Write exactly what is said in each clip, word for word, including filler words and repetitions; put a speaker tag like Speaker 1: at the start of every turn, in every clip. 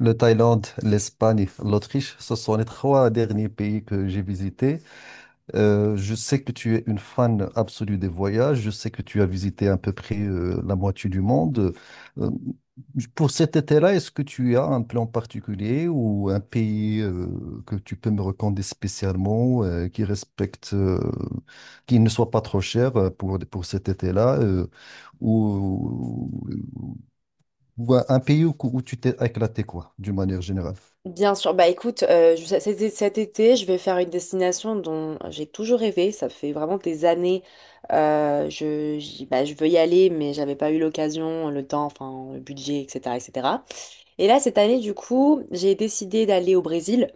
Speaker 1: Le Thaïlande, l'Espagne, l'Autriche, ce sont les trois derniers pays que j'ai visités. Euh, je sais que tu es une fan absolue des voyages. Je sais que tu as visité à peu près euh, la moitié du monde. Euh, pour cet été-là, est-ce que tu as un plan particulier ou un pays euh, que tu peux me recommander spécialement, euh, qui respecte, euh, qui ne soit pas trop cher euh, pour, pour cet été-là, euh, ou, ou un pays où, où tu t'es éclaté, quoi, d'une manière générale?
Speaker 2: Bien sûr, bah écoute, euh, je- cet été, cet été, je vais faire une destination dont j'ai toujours rêvé. Ça fait vraiment des années. euh, je, j'y- bah, je veux y aller, mais j'avais pas eu l'occasion, le temps, enfin, le budget, et cetera, et cetera. Et cetera. Et là, cette année, du coup, j'ai décidé d'aller au Brésil.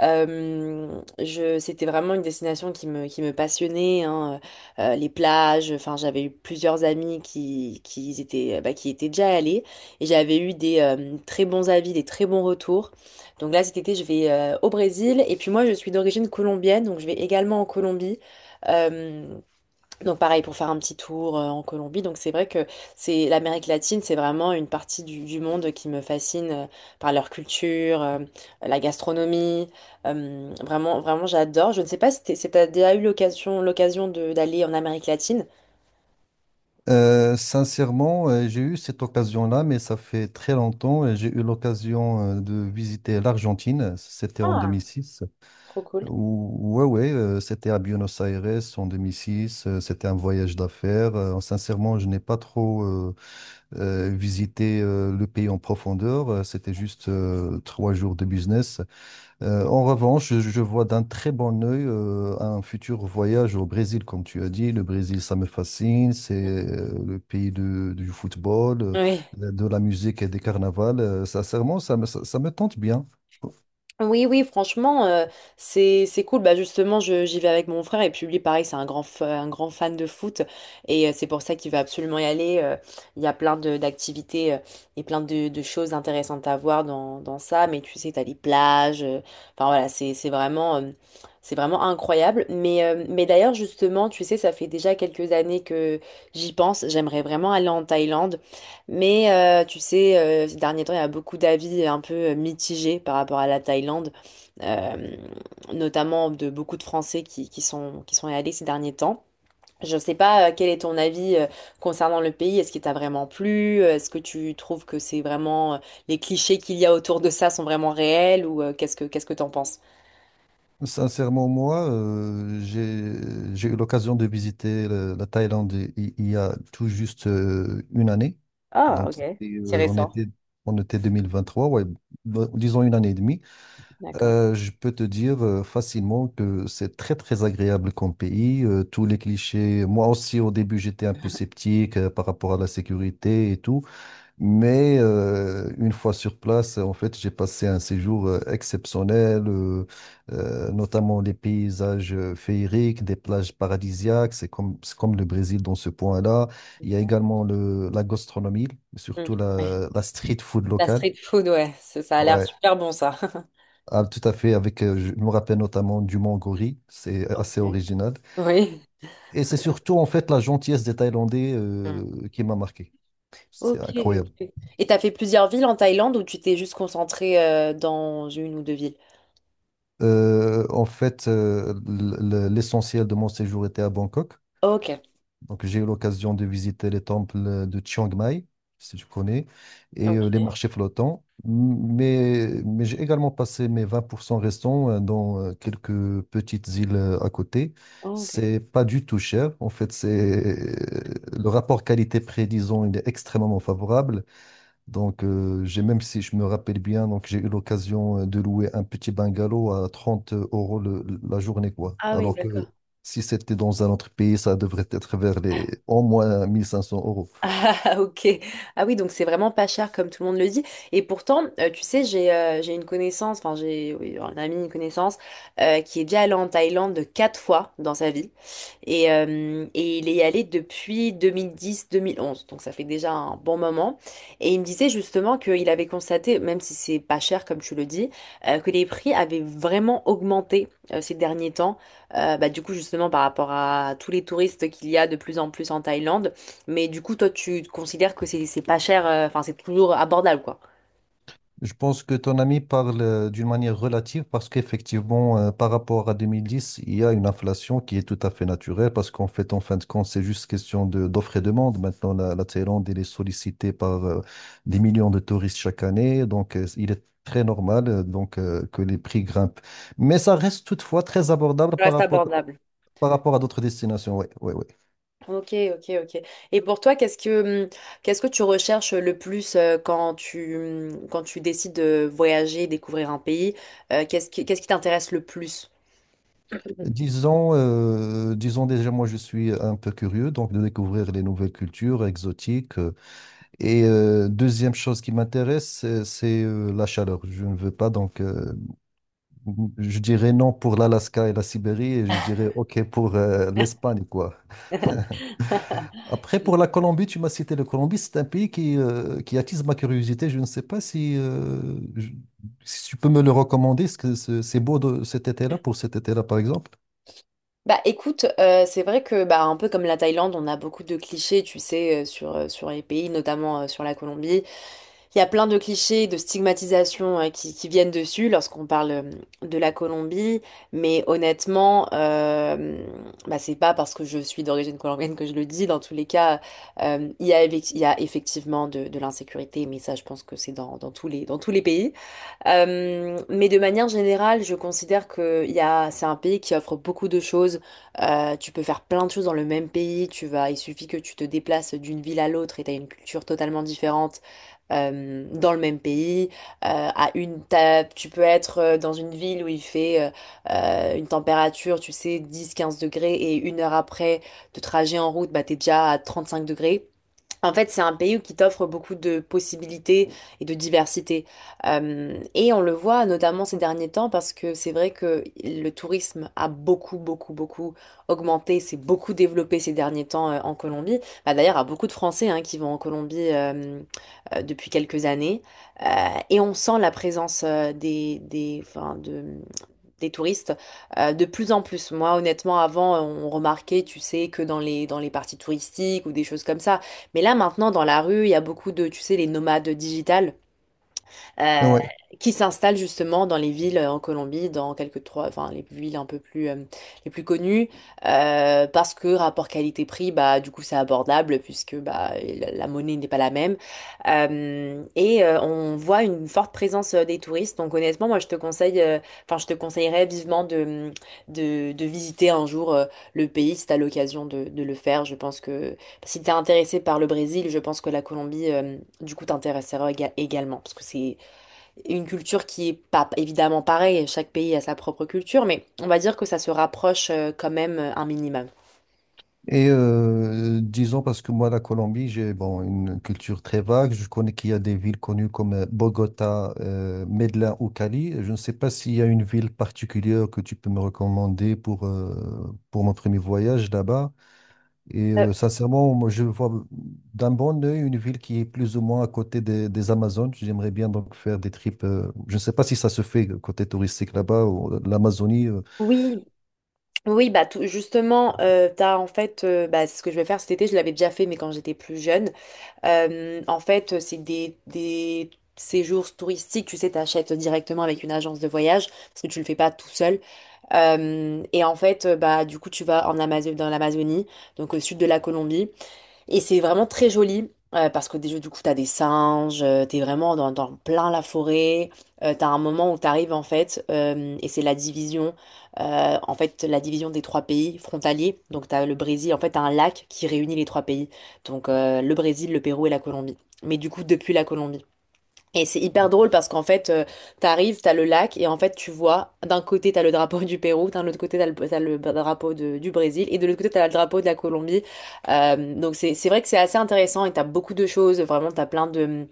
Speaker 2: Euh, je, c'était vraiment une destination qui me, qui me passionnait, hein. Euh, les plages. Enfin, j'avais eu plusieurs amis qui, qui y étaient, bah, qui y étaient déjà allés et j'avais eu des euh, très bons avis, des très bons retours. Donc là, cet été, je vais euh, au Brésil et puis moi, je suis d'origine colombienne, donc je vais également en Colombie. Euh, donc pareil pour faire un petit tour euh, en Colombie. Donc c'est vrai que c'est l'Amérique latine, c'est vraiment une partie du, du monde qui me fascine euh, par leur culture, euh, la gastronomie. euh, vraiment, vraiment, j'adore. Je ne sais pas si t'es- si t'as déjà eu l'occasion, l'occasion de- d'aller en Amérique latine.
Speaker 1: Euh, sincèrement, euh, j'ai eu cette occasion-là, mais ça fait très longtemps. et j'ai eu l'occasion euh, de visiter l'Argentine. C'était en
Speaker 2: Ah,
Speaker 1: deux mille six.
Speaker 2: trop cool.
Speaker 1: Ou- Ouais, ouais, euh, c'était à Buenos Aires en deux mille six. euh, C'était un voyage d'affaires. Euh, sincèrement, je n'ai pas trop euh, euh, visité euh, le pays en profondeur. euh, C'était juste euh, trois jours de business. Euh, en revanche, je, je vois d'un très bon œil euh, un futur voyage au Brésil, comme tu as dit. Le Brésil, ça me fascine. C'est euh, le pays de- du football, euh,
Speaker 2: Oui.
Speaker 1: de la musique et des carnavals. Euh, sincèrement, ça me, ça, ça me tente bien.
Speaker 2: Oui, oui, franchement, euh, c'est c'est cool. Bah justement, je- j'y vais avec mon frère et puis lui, pareil, c'est un grand f- un grand fan de foot et euh, c'est pour ça qu'il veut absolument y aller. Euh, Il y a plein de d'activités euh, et plein de, de choses intéressantes à voir dans, dans ça. Mais tu sais, t'as les plages. euh, Enfin voilà, c'est c'est vraiment euh, c'est vraiment incroyable. Mais euh, mais d'ailleurs, justement, tu sais, ça fait déjà quelques années que j'y pense. J'aimerais vraiment aller en Thaïlande. Mais euh, tu sais, euh, ces derniers temps, il y a beaucoup d'avis un peu euh, mitigés par rapport à la Thaïlande euh, notamment de beaucoup de Français qui, qui sont, qui sont allés ces derniers temps. Je ne sais pas euh, quel est ton avis euh, concernant le pays. Est-ce qu'il t'a vraiment plu? Euh, Est-ce que tu trouves que c'est vraiment euh, les clichés qu'il y a autour de ça sont vraiment réels ou euh, qu'est-ce que qu'est-ce que t'en penses?
Speaker 1: Sincèrement, moi, euh, j'ai, j'ai eu l'occasion de visiter le- la Thaïlande i- il, y a tout juste euh, une année.
Speaker 2: Ah,
Speaker 1: Donc,
Speaker 2: ok.
Speaker 1: c'était,
Speaker 2: C'est
Speaker 1: euh, on
Speaker 2: récent.
Speaker 1: était, on était deux mille vingt-trois, ouais, bon, disons une année et demie.
Speaker 2: D'accord.
Speaker 1: Euh, je peux te dire euh, facilement que c'est très très agréable comme pays. Euh, tous les clichés, moi aussi au début j'étais un peu sceptique euh, par rapport à la sécurité et tout, mais euh, une fois sur place, en fait j'ai passé un séjour euh, exceptionnel, euh, euh, notamment les paysages euh, féeriques, des plages paradisiaques, c'est comme, c'est comme le Brésil dans ce point-là. Il y a
Speaker 2: Ok.
Speaker 1: également le, la gastronomie,
Speaker 2: Mm.
Speaker 1: surtout
Speaker 2: Ouais.
Speaker 1: la, la street food
Speaker 2: La
Speaker 1: locale.
Speaker 2: street food, ouais, ça ça a l'air
Speaker 1: Ouais.
Speaker 2: super bon ça.
Speaker 1: Ah, tout à fait, avec, euh, je me rappelle notamment du Mangori, c'est
Speaker 2: Ok.
Speaker 1: assez original.
Speaker 2: Oui.
Speaker 1: Et c'est surtout en fait la gentillesse des Thaïlandais
Speaker 2: Mm.
Speaker 1: euh, qui m'a marqué. C'est
Speaker 2: Ok.
Speaker 1: incroyable.
Speaker 2: Ok. Et t'as fait plusieurs villes en Thaïlande ou tu t'es juste concentré euh, dans une ou deux villes?
Speaker 1: Euh, en fait, euh, l- l- l'essentiel de mon séjour était à Bangkok.
Speaker 2: Ok.
Speaker 1: Donc, j'ai eu l'occasion de visiter les temples de Chiang Mai, si tu connais, et euh, les
Speaker 2: Ok.
Speaker 1: marchés flottants. M- Mais, mais j'ai également passé mes vingt pour cent restants euh, dans euh, quelques petites îles euh, à côté.
Speaker 2: Oh, ok.
Speaker 1: C'est pas du tout cher. En fait, c'est le rapport qualité-prix, disons, il est extrêmement favorable. Donc, euh, j'ai, même si je me rappelle bien, donc j'ai eu l'occasion euh, de louer un petit bungalow à trente euros le- la journée, quoi.
Speaker 2: Ah oui,
Speaker 1: Alors que
Speaker 2: d'accord.
Speaker 1: si c'était dans un autre pays, ça devrait être vers les, au moins, mille cinq cents euros.
Speaker 2: Ah, ok. Ah oui, donc c'est vraiment pas cher comme tout le monde le dit. Et pourtant, euh, tu sais, j'ai euh, j'ai une connaissance, enfin j'ai oui, un ami, une connaissance, euh, qui est déjà allé en Thaïlande quatre fois dans sa vie. Et, euh, et il est allé depuis deux mille dix-deux mille onze, donc ça fait déjà un bon moment. Et il me disait justement qu'il avait constaté, même si c'est pas cher comme tu le dis, euh, que les prix avaient vraiment augmenté euh, ces derniers temps. Euh, bah, du coup, justement, par rapport à tous les touristes qu'il y a de plus en plus en Thaïlande. Mais du coup, toi, tu considères que c'est c'est pas cher, euh, enfin, c'est toujours abordable, quoi.
Speaker 1: Je pense que ton ami parle euh, d'une manière relative parce qu'effectivement, euh, par rapport à deux mille dix, il y a une inflation qui est tout à fait naturelle parce qu'en fait, en fin de compte, c'est juste question de, d'offre et demande. Maintenant, la, la Thaïlande, elle est sollicitée par euh, des millions de touristes chaque année. Donc, euh, il est très normal euh, donc, euh, que les prix grimpent. Mais ça reste toutefois très abordable
Speaker 2: Ça
Speaker 1: par
Speaker 2: Reste
Speaker 1: rapport,
Speaker 2: abordable.
Speaker 1: par rapport à d'autres destinations. Oui, oui, oui.
Speaker 2: Ok, ok, ok. Et pour toi, qu'est-ce que hum, qu'est-ce que tu recherches le plus euh, quand tu hum, quand tu décides de voyager, découvrir un pays? Euh, qu'est-ce qui qu'est-ce qui t'intéresse le plus? Mhm.
Speaker 1: Disons, euh, disons déjà, moi, je suis un peu curieux donc de découvrir les nouvelles cultures exotiques. Euh, Et euh, deuxième chose qui m'intéresse, c'est c'est, euh, la chaleur. Je ne veux pas, donc euh, je dirais non pour l'Alaska et la Sibérie, et je dirais OK pour euh, l'Espagne, quoi. Après, pour la Colombie, tu m'as cité la Colombie, c'est un pays qui, euh, qui attise ma curiosité. Je ne sais pas si, euh, je- si tu peux me le recommander, est-ce que c'est c'est beau de, cet été-là, pour cet été-là, par exemple?
Speaker 2: Bah écoute, euh, c'est vrai que bah un peu comme la Thaïlande, on a beaucoup de clichés, tu sais, euh, sur euh, sur les pays, notamment euh, sur la Colombie. Il y a plein de clichés, de stigmatisation euh, qui, qui viennent dessus lorsqu'on parle euh, de la Colombie, mais honnêtement, euh, bah, c'est pas parce que je suis d'origine colombienne que je le dis. Dans tous les cas, euh, il y a, effec- il y a effectivement de, de l'insécurité, mais ça, je pense que c'est dans, dans tous les, dans tous les pays. Euh, mais de manière générale, je considère que il y a, c'est un pays qui offre beaucoup de choses. Euh, tu peux faire plein de choses dans le même pays. Tu vas, il suffit que tu te déplaces d'une ville à l'autre et tu as une culture totalement différente euh, dans le même pays, euh, à une ta- tu peux être euh, dans une ville où il fait euh, une température, tu sais, dix quinze degrés et une heure après de trajet en route, bah t'es déjà à trente-cinq degrés. En fait, c'est un pays qui t'offre beaucoup de possibilités et de diversité. Euh, et on le voit notamment ces derniers temps parce que c'est vrai que le tourisme a beaucoup, beaucoup, beaucoup augmenté, s'est beaucoup développé ces derniers temps euh, en Colombie. Bah, d'ailleurs, il y a beaucoup de Français hein, qui vont en Colombie euh, euh, depuis quelques années. Euh, et on sent la présence euh, des, des, enfin, de, des touristes euh, de plus en plus. Moi, honnêtement, avant, on remarquait, tu sais, que dans les, dans les parties touristiques ou des choses comme ça. Mais là, maintenant, dans la rue, il y a beaucoup de, tu sais, les nomades digitales euh,
Speaker 1: Oui.
Speaker 2: qui s'installent justement dans les villes euh, en Colombie, dans quelques trois, enfin les villes un peu plus euh, les plus connues, euh, parce que rapport qualité-prix, bah du coup c'est abordable puisque bah la, la monnaie n'est pas la même. Euh, et euh, on voit une forte présence euh, des touristes. Donc honnêtement, moi je te conseille, euh, enfin je te conseillerais vivement de de, de visiter un jour euh, le pays si t'as l'occasion de, de le faire. Je pense que si t'es intéressé par le Brésil, je pense que la Colombie, euh, du coup, t'intéressera éga- également parce que c'est une culture qui est pas évidemment pareille, chaque pays a sa propre culture, mais on va dire que ça se rapproche euh, quand même euh, un minimum.
Speaker 1: Et euh, disons, parce que moi, la Colombie, j'ai, bon, une culture très vague. Je connais qu'il y a des villes connues comme euh, Bogota, euh, Medellín ou Cali. Je ne sais pas s'il y a une ville particulière que tu peux me recommander pour, euh, pour mon premier voyage là-bas. Et
Speaker 2: Euh,
Speaker 1: euh, sincèrement, moi, je vois d'un bon œil une ville qui est plus ou moins à côté des, des Amazones. J'aimerais bien donc faire des trips. Euh, je ne sais pas si ça se fait euh, côté touristique là-bas, ou l'Amazonie. euh,
Speaker 2: oui, oui, bah tout- justement, euh, t'as en fait, euh, bah, c'est ce que je vais faire cet été, je l'avais déjà fait, mais quand j'étais plus jeune. Euh, en fait, euh, c'est des, des séjours touristiques, tu sais, t'achètes directement avec une agence de voyage, parce que tu le fais pas tout seul. Euh, et en fait, euh, bah du coup, tu vas en Amazo- dans l'Amazonie, donc au sud de la Colombie. Et c'est vraiment très joli. euh, parce que déjà, du coup, t'as des singes, euh, t'es vraiment dans, dans plein la forêt, euh, t'as un moment où t'arrives en fait, euh, et c'est la division, euh, en fait, la division des trois pays frontaliers. Donc t'as le Brésil, en fait, t'as un lac qui réunit les trois pays. Donc euh, le Brésil, le Pérou et la Colombie. Mais du coup, depuis la Colombie. Et c'est hyper drôle parce qu'en fait, euh, t'arrives, t'as le lac et en fait, tu vois, d'un côté, t'as le drapeau du Pérou, d'un autre côté, t'as le, t'as le drapeau de- du Brésil et de l'autre côté, t'as le drapeau de la Colombie. Euh, donc, c'est, c'est vrai que c'est assez intéressant et t'as beaucoup de choses. Vraiment, t'as plein de,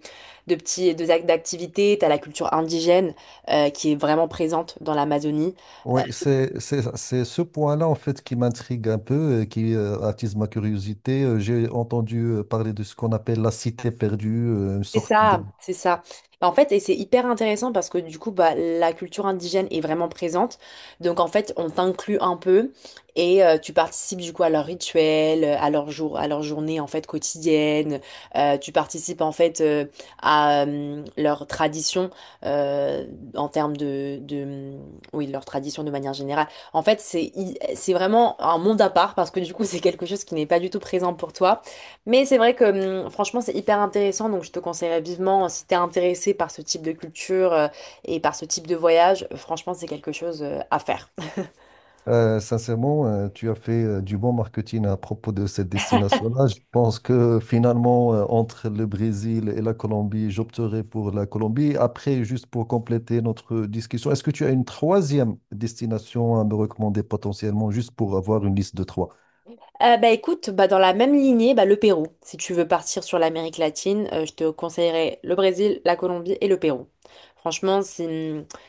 Speaker 2: de petits, de, ac- d'activités. T'as la culture indigène, euh, qui est vraiment présente dans l'Amazonie.
Speaker 1: Oui, c'est c'est- c'est ce point-là en fait qui m'intrigue un peu, et qui euh, attise ma curiosité. Euh, J'ai entendu euh, parler de ce qu'on appelle la cité perdue, euh, une
Speaker 2: C'est
Speaker 1: sorte d-
Speaker 2: ça, c'est ça. Bah, En fait, et c'est hyper intéressant parce que du coup, bah, la culture indigène est vraiment présente. Donc, en fait, on t'inclut un peu et euh, tu participes du coup à leurs rituels, à leur jour, à leur journée en fait quotidienne. Euh, tu participes en fait euh, à euh, leur tradition euh, en termes de, de, hum, oui, leur tradition de manière générale. En fait, c'est, c'est vraiment un monde à part parce que du coup, c'est quelque chose qui n'est pas du tout présent pour toi. Mais c'est vrai que hum, franchement, c'est hyper intéressant, donc je te conseillerais vivement, euh, si t'es intéressé par ce type de culture euh, et par ce type de voyage, euh, franchement, c'est quelque chose euh, à faire.
Speaker 1: Euh, sincèrement, euh, tu as fait euh, du bon marketing à propos de cette destination-là. Je pense que finalement, euh, entre le Brésil et la Colombie, j'opterai pour la Colombie. Après, juste pour compléter notre discussion, est-ce que tu as une troisième destination à me recommander potentiellement, juste pour avoir une liste de trois?
Speaker 2: Euh, bah écoute, bah dans la même lignée, bah le Pérou. Si tu veux partir sur l'Amérique latine, euh, je te conseillerais le Brésil, la Colombie et le Pérou. Franchement, si,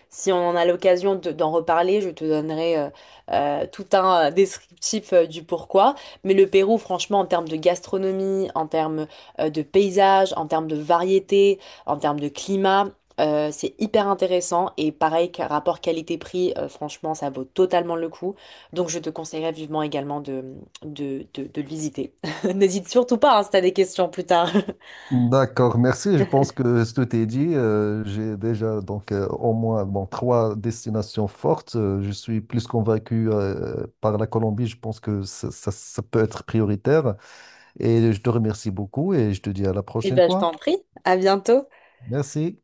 Speaker 2: si on en a l'occasion de- d'en reparler, je te donnerai euh, euh, tout un euh, descriptif euh, du pourquoi. Mais le Pérou, franchement, en termes de gastronomie, en termes euh, de paysage, en termes de variété, en termes de climat, euh, c'est hyper intéressant. Et pareil, qu'un rapport qualité-prix, euh, franchement, ça vaut totalement le coup. Donc, je te conseillerais vivement également de, de, de, de le visiter. N'hésite surtout pas, hein, si tu as des questions plus tard.
Speaker 1: D'accord, merci. Je pense que ce que t'es dit, euh, j'ai déjà donc euh, au moins, bon, trois destinations fortes. Euh, je suis plus convaincu euh, par la Colombie. Je pense que ça, ça- ça peut être prioritaire. Et je te remercie beaucoup et je te dis à la
Speaker 2: Et
Speaker 1: prochaine
Speaker 2: ben, je
Speaker 1: fois.
Speaker 2: t'en prie. À bientôt.
Speaker 1: Merci.